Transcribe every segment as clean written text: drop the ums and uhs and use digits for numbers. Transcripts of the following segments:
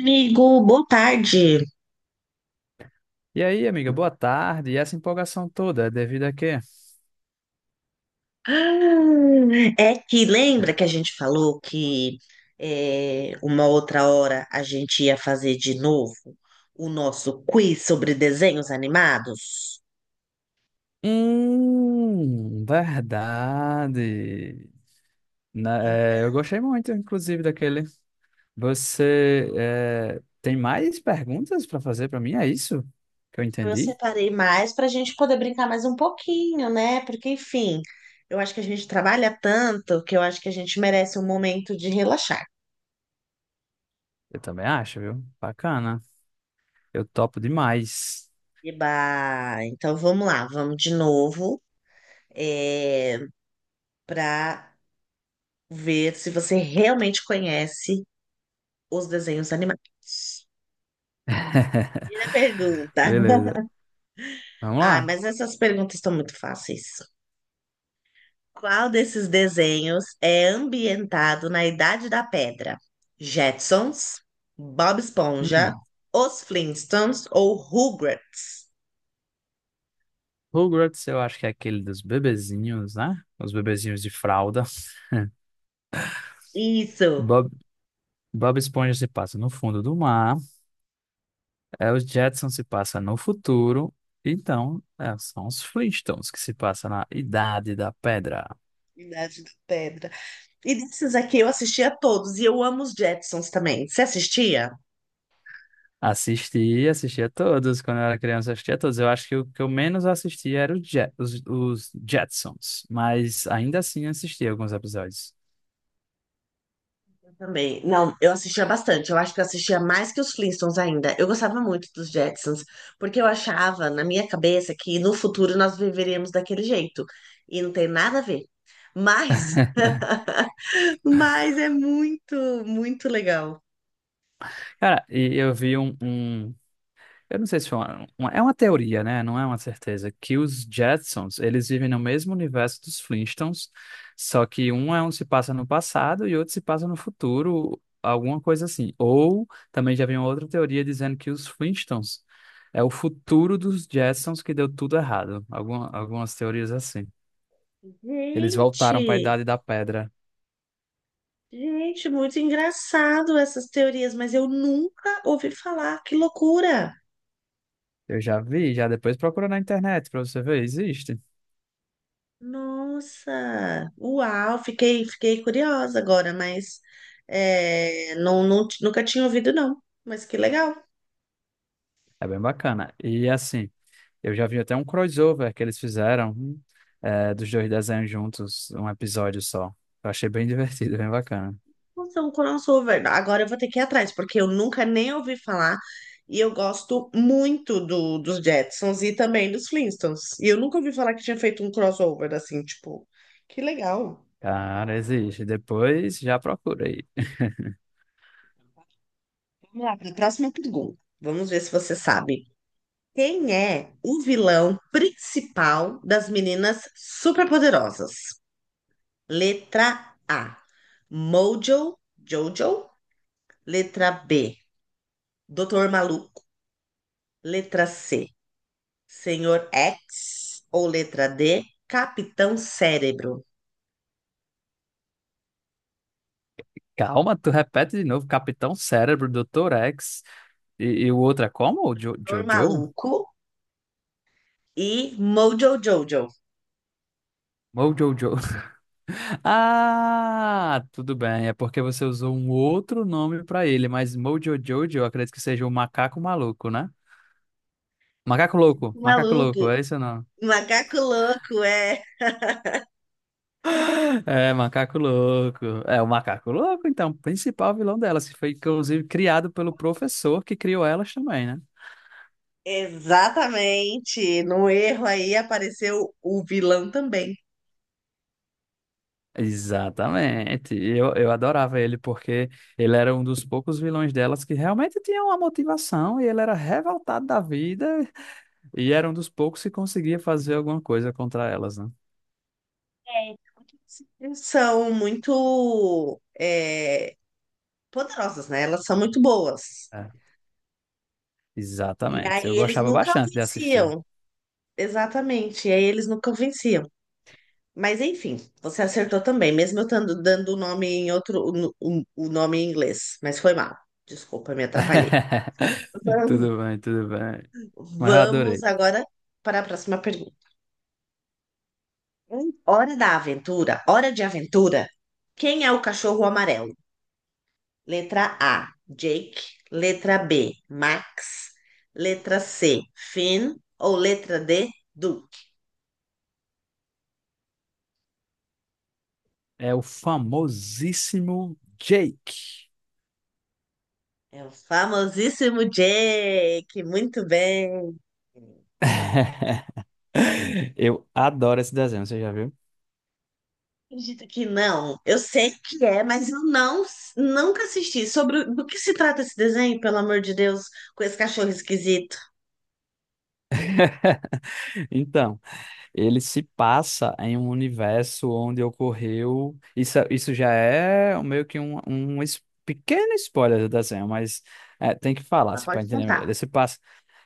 Amigo, boa tarde. E aí, amiga, boa tarde. E essa empolgação toda é devido a quê? Ah, É que lembra que a gente falou que uma outra hora a gente ia fazer de novo o nosso quiz sobre desenhos animados? Verdade. Eu Então, gostei muito, inclusive, daquele. Você tem mais perguntas para fazer para mim? É isso que eu eu entendi? separei mais para a gente poder brincar mais um pouquinho, né? Porque, enfim, eu acho que a gente trabalha tanto que eu acho que a gente merece um momento de relaxar. Eu também acho, viu? Bacana. Eu topo demais. Eba, então vamos lá, vamos de novo é, para ver se você realmente conhece os desenhos animados. Primeira pergunta. Beleza. Vamos Ah, lá. mas essas perguntas estão muito fáceis. Qual desses desenhos é ambientado na Idade da Pedra? Jetsons, Bob Esponja, Hum, Os Flintstones ou Rugrats? Rugrats, eu acho que é aquele dos bebezinhos, né? Os bebezinhos de fralda. Isso, Bob Esponja se passa no fundo do mar, os Jetsons se passa no futuro, então são os Flintstones que se passa na Idade da Pedra. Idade da Pedra. E desses aqui eu assistia todos e eu amo os Jetsons também. Você assistia? Assisti, assistia todos, quando eu era criança eu assistia todos, eu acho que o que eu menos assistia era os Jetsons, mas ainda assim assistia alguns episódios. Também. Não, eu assistia bastante. Eu acho que eu assistia mais que os Flintstones ainda. Eu gostava muito dos Jetsons, porque eu achava, na minha cabeça, que no futuro nós viveríamos daquele jeito. E não tem nada a ver. Mas, mas é muito legal. Cara, e eu vi um. Eu não sei se foi é uma teoria, né? Não é uma certeza. Que os Jetsons, eles vivem no mesmo universo dos Flintstones, só que um se passa no passado e outro se passa no futuro, alguma coisa assim. Ou também já vem outra teoria dizendo que os Flintstones é o futuro dos Jetsons que deu tudo errado. Algumas teorias assim. Eles voltaram para a Gente, Idade da Pedra. gente, muito engraçado essas teorias, mas eu nunca ouvi falar. Que loucura! Eu já vi, já depois procura na internet para você ver, existe. Nossa, uau, fiquei curiosa agora, mas não, não, nunca tinha ouvido, não. Mas que legal. É bem bacana. E assim, eu já vi até um crossover que eles fizeram, dos dois desenhos juntos, um episódio só. Eu achei bem divertido, bem bacana. Nossa, um crossover. Agora eu vou ter que ir atrás, porque eu nunca nem ouvi falar e eu gosto muito dos Jetsons e também dos Flintstones. E eu nunca ouvi falar que tinha feito um crossover assim, tipo, que legal. Cara, existe. Depois já procura aí. Vamos lá, para a próxima pergunta. Vamos ver se você sabe. Quem é o vilão principal das meninas superpoderosas? Letra A, Mojo, Jojo. Letra B, Doutor Maluco. Letra C, Senhor X. Ou letra D, Capitão Cérebro. Calma, tu repete de novo. Capitão Cérebro, Doutor X. E, e o outro é como? O Doutor Jojo? Maluco e Mojo Jojo. Mojojo. Ah, tudo bem. É porque você usou um outro nome pra ele, mas Mojo Jojo, eu acredito que seja o macaco maluco, né? Macaco Maluco, louco, é isso ou não? macaco louco, é. É, macaco louco. É o macaco louco, então, principal vilão delas, que foi inclusive criado pelo professor que criou elas também, né? Exatamente. No erro aí apareceu o vilão também. Exatamente. E eu adorava ele porque ele era um dos poucos vilões delas que realmente tinha uma motivação e ele era revoltado da vida e era um dos poucos que conseguia fazer alguma coisa contra elas, né? É. São muito, é, poderosas, né? Elas são muito boas. É, E exatamente. aí Eu eles gostava nunca bastante de assistir. venciam. Exatamente. E aí eles nunca venciam. Mas enfim, você acertou também, mesmo eu estando dando o nome em outro, o nome em inglês. Mas foi mal. Desculpa, me atrapalhei. Vamos Tudo bem, tudo bem. Mas eu Vamos adorei. agora para a próxima pergunta. Em Hora da aventura, hora de aventura. Quem é o cachorro amarelo? Letra A, Jake. Letra B, Max. Letra C, Finn. Ou letra D, Duke? É o famosíssimo Jake. É o famosíssimo Jake, muito bem. Eu adoro esse desenho, você já viu? Acredito que não. Eu sei que é, mas eu nunca assisti. Sobre do que se trata esse desenho, pelo amor de Deus, com esse cachorro esquisito? Então, ele se passa em um universo onde ocorreu. Isso já é meio que um pequeno spoiler do desenho, mas tem que falar Mas se para pode entender melhor. contar.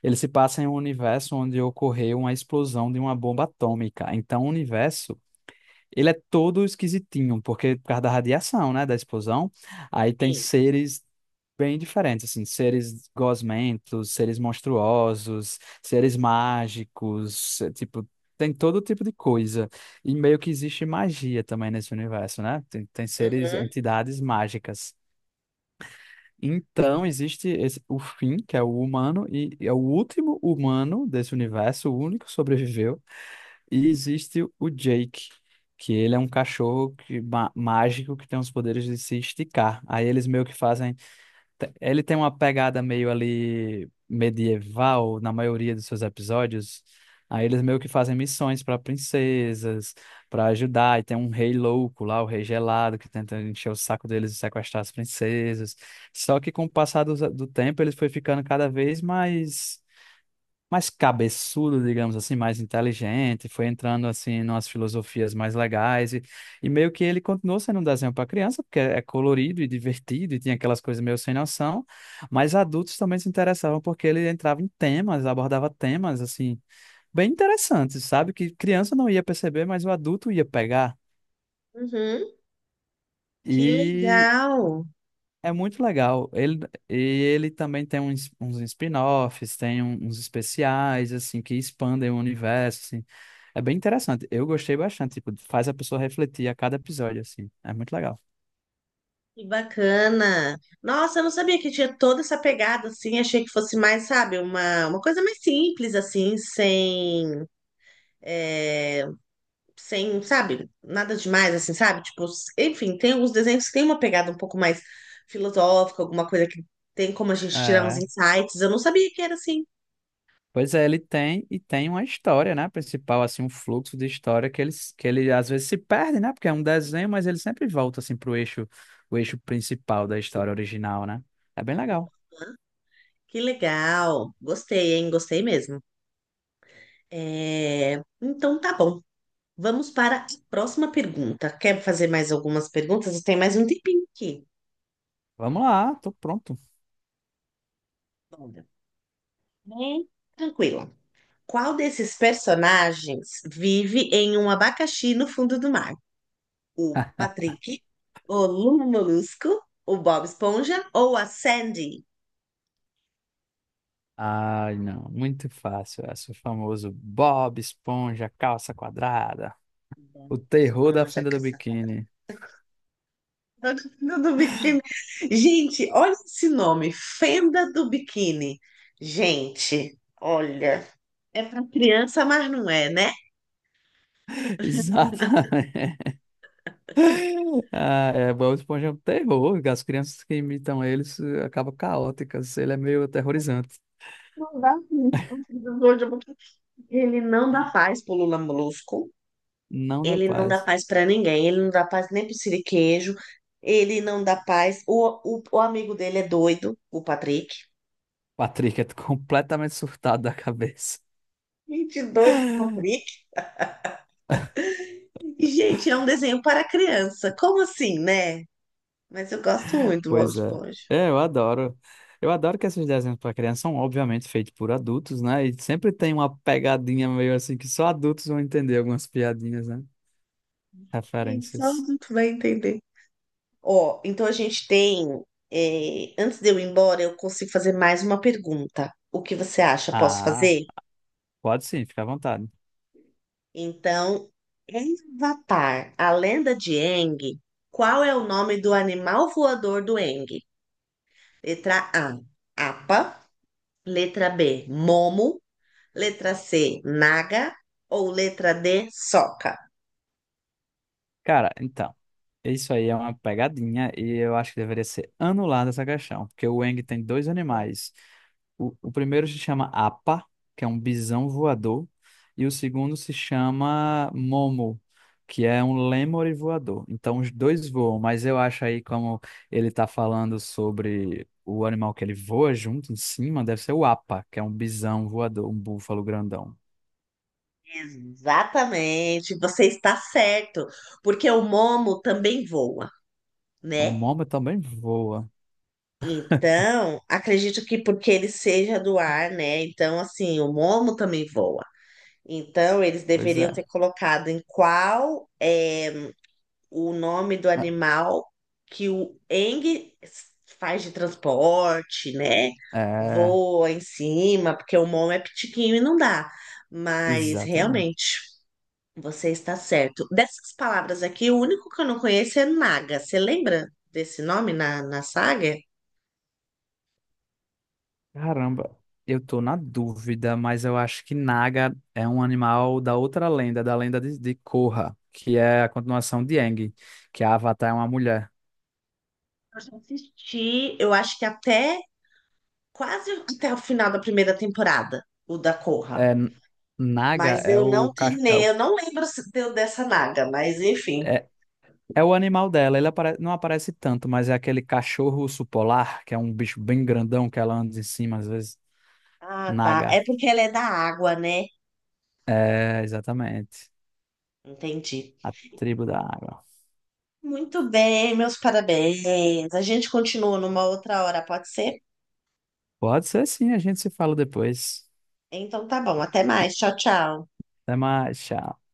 Ele se passa em um universo onde ocorreu uma explosão de uma bomba atômica. Então, o universo ele é todo esquisitinho, porque por causa da radiação, né, da explosão, aí tem Sim. seres bem diferentes, assim, seres gosmentos, seres monstruosos, seres mágicos, tipo, tem todo tipo de coisa. E meio que existe magia também nesse universo, né? Tem seres, Uhum, entidades mágicas. Então existe o fim, que é o humano, e é o último humano desse universo, o único que sobreviveu e existe o Jake, que ele é um cachorro mágico que tem os poderes de se esticar. Aí eles meio que fazem. Ele tem uma pegada meio ali medieval na maioria dos seus episódios. Aí eles meio que fazem missões para princesas, para ajudar. E tem um rei louco lá, o rei gelado, que tenta encher o saco deles e sequestrar as princesas. Só que com o passar do tempo, ele foi ficando cada vez mais cabeçudo, digamos assim, mais inteligente, foi entrando assim numas filosofias mais legais e meio que ele continuou sendo um desenho para criança, porque é colorido e divertido e tinha aquelas coisas meio sem noção, mas adultos também se interessavam porque ele entrava em temas, abordava temas assim bem interessantes, sabe? Que criança não ia perceber, mas o adulto ia pegar. uhum. Que E legal. É muito legal. E ele também tem uns spin-offs, tem uns especiais, assim, que expandem o universo, assim. É bem interessante. Eu gostei bastante, tipo, faz a pessoa refletir a cada episódio, assim. É muito legal. Que bacana. Nossa, eu não sabia que tinha toda essa pegada assim. Achei que fosse mais, sabe, uma coisa mais simples, assim, sem. eh, sem, sabe, nada demais, assim, sabe? Tipo, enfim, tem alguns desenhos que tem uma pegada um pouco mais filosófica, alguma coisa que tem como a gente tirar uns É. insights. Eu não sabia que era assim. Pois é, ele tem, e tem uma história, né, principal, assim, um fluxo de história que ele às vezes se perde, né, porque é um desenho, mas ele sempre volta, assim, pro eixo, o eixo principal da história original, né? É bem legal. Que legal. Gostei, hein? Gostei mesmo. É, então tá bom. Vamos para a próxima pergunta. Quer fazer mais algumas perguntas? Tem mais um tempinho aqui. Vamos lá, tô pronto. Bora. Bem, tranquilo. Qual desses personagens vive em um abacaxi no fundo do mar? O Patrick, o Lula Molusco, o Bob Esponja ou a Sandy? Ai, não, muito fácil essa. O famoso Bob Esponja, calça quadrada. Bob O terror Esponja, da fenda do caça-padrão. biquíni. Fenda do biquíni. Gente, olha esse nome, Fenda do Biquíni. Gente, olha, é para criança, mas não é, né? Exatamente. Ah, é, Bob Esponja é um terror. As crianças que imitam eles acabam caóticas. Ele é meio aterrorizante. Não dá. Então, um ele não dá paz pro Lula Molusco. Não dá Ele não dá paz. paz pra ninguém. Ele não dá paz nem pro Siriquejo. Ele não dá paz. O amigo dele é doido, o Patrick. Patrick é completamente surtado da cabeça. Gente, doido, o Patrick. E, gente, é um desenho para criança. Como assim, né? Mas eu gosto muito do Bob Pois é. Esponja. É, eu adoro. Eu adoro que esses desenhos para criança são obviamente feitos por adultos, né? E sempre tem uma pegadinha meio assim que só adultos vão entender algumas piadinhas, né? Gente, só Referências. adulto vai entender. Ó, então a gente tem. Antes de eu ir embora, eu consigo fazer mais uma pergunta. O que você acha? Posso Ah, fazer? pode sim, fica à vontade. Então, em Avatar, a lenda de Aang, qual é o nome do animal voador do Aang? Letra A, Apa. Letra B, Momo. Letra C, Naga. Ou letra D, Sokka. Cara, então, isso aí é uma pegadinha e eu acho que deveria ser anulada essa questão, porque o Wang tem dois animais. O primeiro se chama Apa, que é um bisão voador, e o segundo se chama Momo, que é um lêmure voador. Então, os dois voam, mas eu acho aí como ele está falando sobre o animal que ele voa junto em cima, deve ser o Apa, que é um bisão voador, um búfalo grandão. Exatamente, você está certo, porque o Momo também voa, O né? Momo também voa, Então, acredito que porque ele seja do ar, né? Então, assim, o Momo também voa. Então, eles pois é. deveriam ter colocado em qual é o nome do animal que o Eng faz de transporte, né? É. Voa em cima, porque o Mon é pitiquinho e não dá. Mas Exatamente. realmente, você está certo. Dessas palavras aqui, o único que eu não conheço é Naga. Você lembra desse nome na saga? Caramba, eu tô na dúvida, mas eu acho que Naga é um animal da outra lenda, da lenda de Korra, que é a continuação de Aang, que a Avatar é uma mulher. Eu já assisti, eu acho que até quase até o final da primeira temporada, o da Korra. É, N- Naga Mas é eu não o, ca- é, terminei, o- eu não lembro se deu dessa naga, mas enfim. é, é o animal dela, ele não aparece tanto, mas é aquele cachorro urso polar, que é um bicho bem grandão que ela anda em cima às vezes. Ah, tá. Naga. É porque ela é da água, né? É, exatamente. Entendi. A tribo da água. Muito bem, meus parabéns. A gente continua numa outra hora, pode ser? Pode ser sim, a gente se fala depois. Então tá bom, até mais. Tchau, tchau. Até mais, tchau.